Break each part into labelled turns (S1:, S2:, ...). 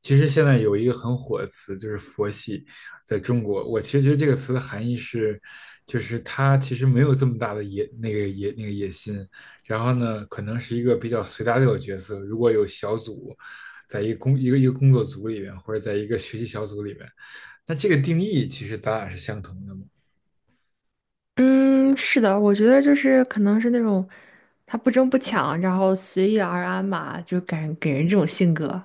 S1: 其实现在有一个很火的词，就是佛系，在中国，我其实觉得这个词的含义是，就是他其实没有这么大的野那个野那个野心，然后呢，可能是一个比较随大流的角色。如果有小组，在一个工作组里面，或者在一个学习小组里面，那这个定义其实咱俩是相同的嘛。
S2: 嗯，是的，我觉得就是可能是那种他不争不抢，然后随遇而安嘛，就感给人这种性格。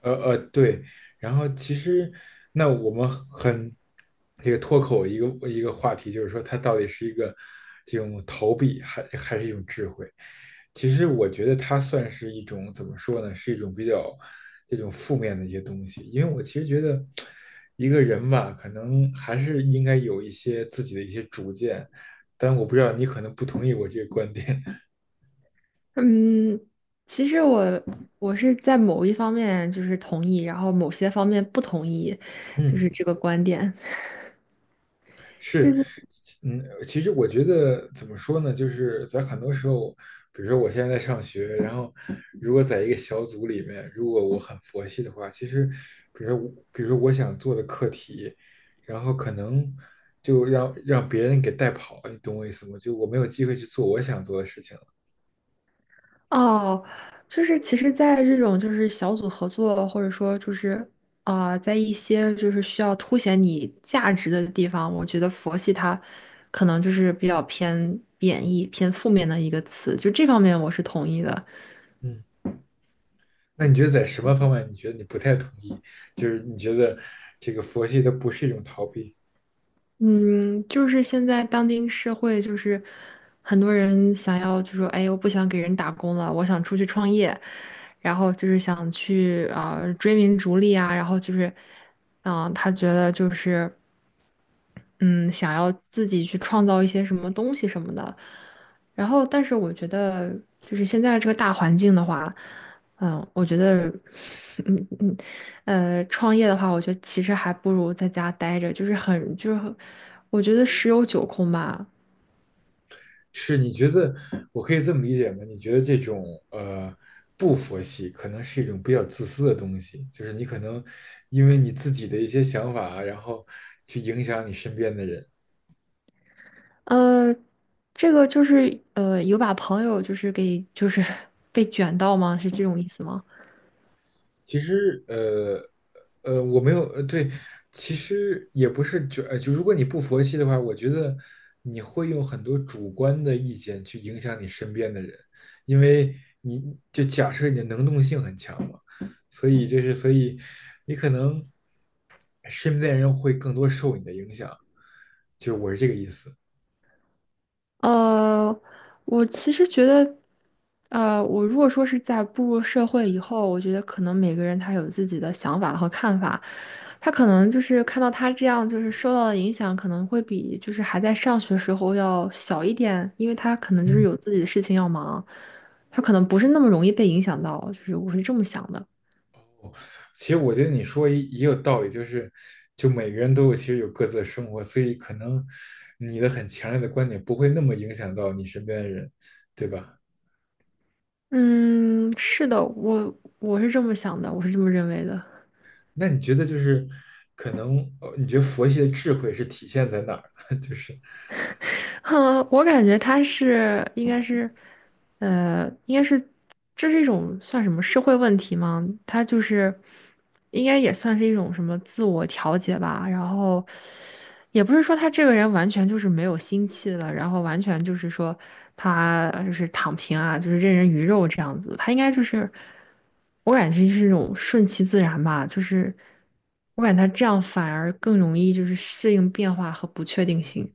S1: 对，然后其实那我们很这个脱口一个一个话题，就是说它到底是一个这种逃避，还是一种智慧？其实我觉得它算是一种怎么说呢？是一种比较这种负面的一些东西，因为我其实觉得一个人吧，可能还是应该有一些自己的一些主见，但我不知道你可能不同意我这个观点，
S2: 嗯，其实我是在某一方面就是同意，然后某些方面不同意，就是
S1: 嗯。
S2: 这个观点。就
S1: 是，
S2: 是
S1: 嗯，其实我觉得怎么说呢，就是在很多时候，比如说我现在在上学，然后如果在一个小组里面，如果我很佛系的话，其实，比如说我，比如说我想做的课题，然后可能就让别人给带跑，你懂我意思吗？就我没有机会去做我想做的事情了。
S2: 哦，就是其实，在这种就是小组合作，或者说就是在一些就是需要凸显你价值的地方，我觉得佛系它可能就是比较偏贬义、偏负面的一个词，就这方面我是同意的。
S1: 嗯，那你觉得在什么方面，你觉得你不太同意？就是你觉得这个佛系它不是一种逃避？
S2: 嗯，就是现在当今社会，就是很多人想要就说，哎，我不想给人打工了，我想出去创业，然后就是想去追名逐利啊，然后就是，他觉得就是。嗯，想要自己去创造一些什么东西什么的。然后，但是我觉得，就是现在这个大环境的话，嗯，我觉得，嗯嗯，创业的话，我觉得其实还不如在家待着，就是很我觉得十有九空吧。
S1: 是你觉得我可以这么理解吗？你觉得这种呃不佛系可能是一种比较自私的东西，就是你可能因为你自己的一些想法啊，然后去影响你身边的人。
S2: 呃，这个就是，有把朋友就是给，就是 被卷到吗？是这种意思吗？
S1: 其实，我没有，对，其实也不是就，就如果你不佛系的话，我觉得你会用很多主观的意见去影响你身边的人，因为你就假设你的能动性很强嘛，所以你可能身边人会更多受你的影响，就我是这个意思，
S2: 呃，我其实觉得，我如果说是在步入社会以后，我觉得可能每个人他有自己的想法和看法，他可能就是看到他这样，就是受到的影响可能会比就是还在上学时候要小一点，因为他可能就是
S1: 嗯。
S2: 有自己的事情要忙，他可能不是那么容易被影响到，就是我是这么想的。
S1: 其实我觉得你说也有道理，就是就每个人都有其实有各自的生活，所以可能你的很强烈的观点不会那么影响到你身边的人，对吧？
S2: 嗯，是的，我是这么想的，我是这么认为的。
S1: 那你觉得就是可能你觉得佛系的智慧是体现在哪儿呢？就是
S2: 哼，我感觉他是应该是，应该是这是一种算什么社会问题吗？他就是应该也算是一种什么自我调节吧。然后也不是说他这个人完全就是没有心气了，然后完全就是说他就是躺平啊，就是任人鱼肉这样子。他应该就是我感觉是一种顺其自然吧，就是我感觉他这样反而更容易就是适应变化和不确定性。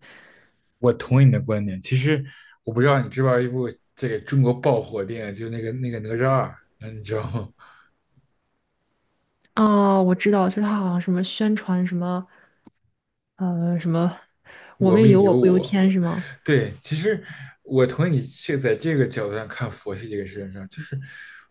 S1: 我同意你的观点，其实我不知道你知不知道一部这个中国爆火电影，就是那个哪吒二，嗯，你知道吗？
S2: 哦，我知道，就他好像什么宣传什么，什么"我
S1: 我
S2: 命
S1: 命
S2: 由我
S1: 由
S2: 不由
S1: 我，
S2: 天"是吗？
S1: 对，其实我同意你这在这个角度上看佛系这个事情上，就是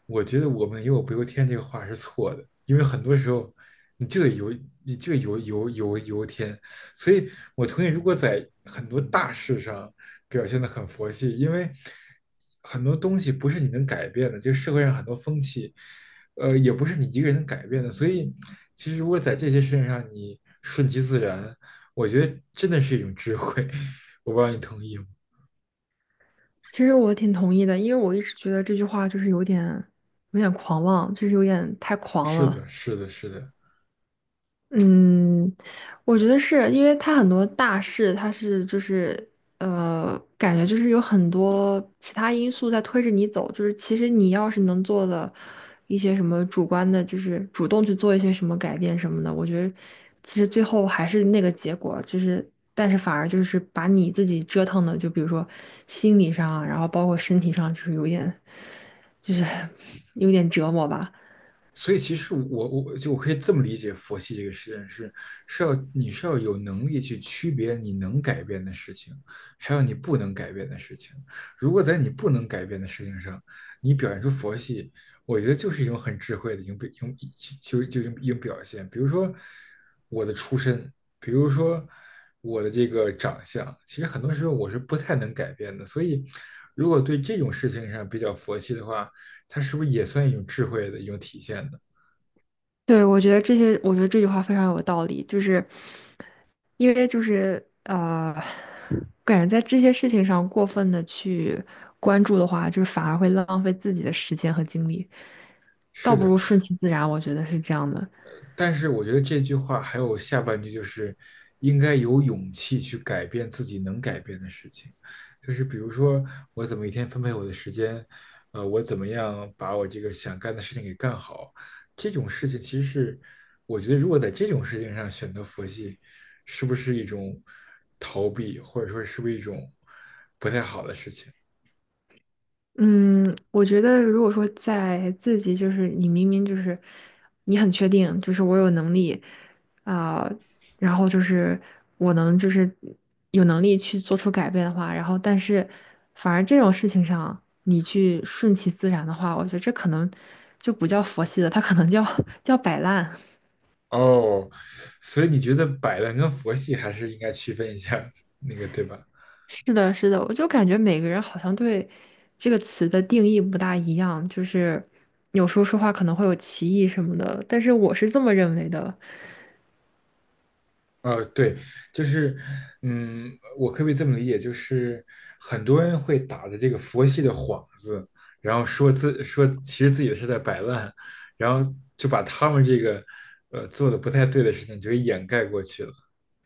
S1: 我觉得我们"有我不由天"这个话是错的，因为很多时候你就得由你就得由由天，所以我同意，如果在很多大事上表现得很佛系，因为很多东西不是你能改变的，就社会上很多风气，也不是你一个人能改变的，所以其实如果在这些事情上你顺其自然，我觉得真的是一种智慧，我不知道你同意吗？
S2: 其实我挺同意的，因为我一直觉得这句话就是有点有点狂妄，就是有点太狂
S1: 是
S2: 了。
S1: 的，是的，是的，
S2: 嗯，我觉得是因为它很多大事，它是就是感觉就是有很多其他因素在推着你走，就是其实你要是能做的一些什么主观的，就是主动去做一些什么改变什么的，我觉得其实最后还是那个结果，就是但是反而就是把你自己折腾的，就比如说心理上啊，然后包括身体上，就是有点就是 有点折磨吧。
S1: 所以其实我就我可以这么理解佛系这个实验是是要你是要有能力去区别你能改变的事情，还有你不能改变的事情。如果在你不能改变的事情上，你表现出佛系，我觉得就是一种很智慧的一种表一种一种表现。比如说我的出身，比如说我的这个长相，其实很多时候我是不太能改变的。所以如果对这种事情上比较佛系的话，它是不是也算一种智慧的一种体现呢？
S2: 对，我觉得这些，我觉得这句话非常有道理，就是因为就是感觉在这些事情上过分的去关注的话，就是反而会浪费自己的时间和精力，倒
S1: 是
S2: 不
S1: 的，
S2: 如顺其自然，我觉得是这样的。
S1: 但是我觉得这句话还有下半句就是应该有勇气去改变自己能改变的事情，就是比如说我怎么一天分配我的时间，我怎么样把我这个想干的事情给干好，这种事情其实是我觉得如果在这种事情上选择佛系，是不是一种逃避，或者说是不是一种不太好的事情？
S2: 嗯，我觉得如果说在自己就是你明明就是你很确定，就是我有能力啊、然后就是我能就是有能力去做出改变的话，然后但是反而这种事情上你去顺其自然的话，我觉得这可能就不叫佛系的，它可能叫 叫摆烂。
S1: 哦，所以你觉得摆烂跟佛系还是应该区分一下，那个对吧？
S2: 是的，是的，我就感觉每个人好像对这个词的定义不大一样，就是有时候说话可能会有歧义什么的，但是我是这么认为的。
S1: 对，就是，嗯，我可不可以这么理解？就是很多人会打着这个佛系的幌子，然后说自说其实自己是在摆烂，然后就把他们这个做的不太对的事情就给掩盖过去了，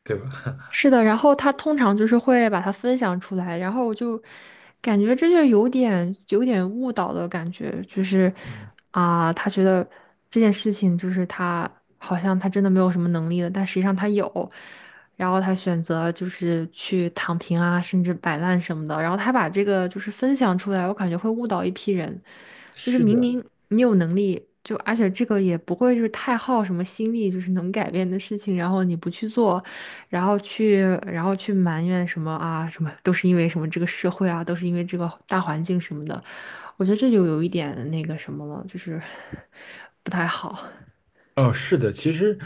S1: 对吧？
S2: 是的，然后他通常就是会把它分享出来，然后我就感觉这就有点有点误导的感觉，就是
S1: 嗯，
S2: 啊，他觉得这件事情就是他好像他真的没有什么能力了，但实际上他有。然后他选择就是去躺平啊，甚至摆烂什么的。然后他把这个就是分享出来，我感觉会误导一批人。就是
S1: 是
S2: 明
S1: 的，
S2: 明你有能力，就而且这个也不会就是太耗什么心力，就是能改变的事情，然后你不去做，然后去然后去埋怨什么啊什么，都是因为什么这个社会啊，都是因为这个大环境什么的。我觉得这就有一点那个什么了，就是 不太好。
S1: 哦，是的，其实，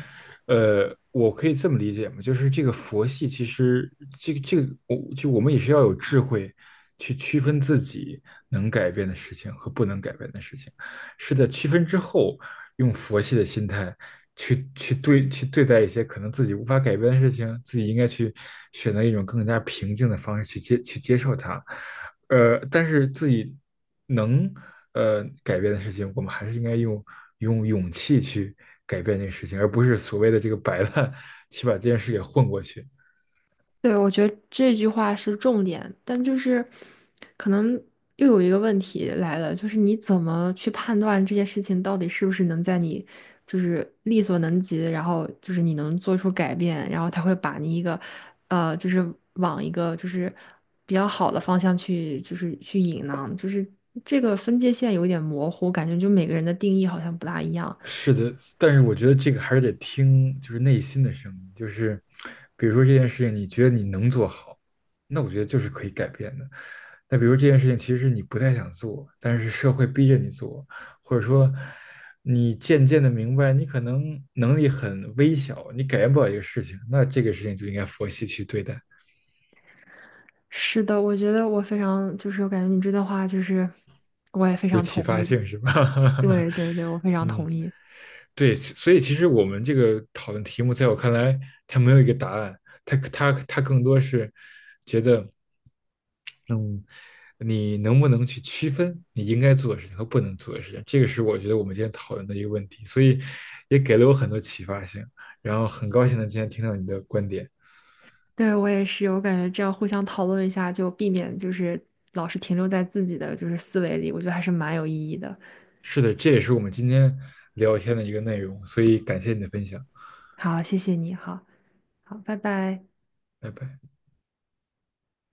S1: 我可以这么理解嘛，就是这个佛系，其实我就我们也是要有智慧去区分自己能改变的事情和不能改变的事情。是在区分之后，用佛系的心态去对待一些可能自己无法改变的事情，自己应该去选择一种更加平静的方式去接受它。但是自己能改变的事情，我们还是应该用用勇气去改变这个事情，而不是所谓的这个摆烂 去把这件事给混过去。
S2: 对，我觉得这句话是重点，但就是可能又有一个问题来了，就是你怎么去判断这件事情到底是不是能在你就是力所能及，然后就是你能做出改变，然后他会把你一个就是往一个就是比较好的方向去，就是去引呢，就是这个分界线有点模糊，感觉就每个人的定义好像不大一样。
S1: 是的，但是我觉得这个还是得听，就是内心的声音，就是比如说这件事情，你觉得你能做好，那我觉得就是可以改变的。那比如这件事情其实你不太想做，但是社会逼着你做，或者说你渐渐的明白你可能能力很微小，你改变不了一个事情，那这个事情就应该佛系去对待，
S2: 是的，我觉得我非常就是我感觉你这段话就是我也非
S1: 有
S2: 常
S1: 启
S2: 同
S1: 发
S2: 意。
S1: 性是吧？
S2: 对对对，我非常
S1: 嗯。
S2: 同意。
S1: 对，所以其实我们这个讨论题目，在我看来，它没有一个答案，它更多是觉得，嗯，你能不能去区分你应该做的事情和不能做的事情，这个是我觉得我们今天讨论的一个问题，所以也给了我很多启发性，然后很高兴的今天听到你的观点，
S2: 对，我也是，我感觉这样互相讨论一下，就避免就是老是停留在自己的就是思维里，我觉得还是蛮有意义的。
S1: 是的，这也是我们今天聊天的一个内容，所以感谢你的分享，
S2: 好，谢谢你，好好，拜拜。
S1: 拜拜。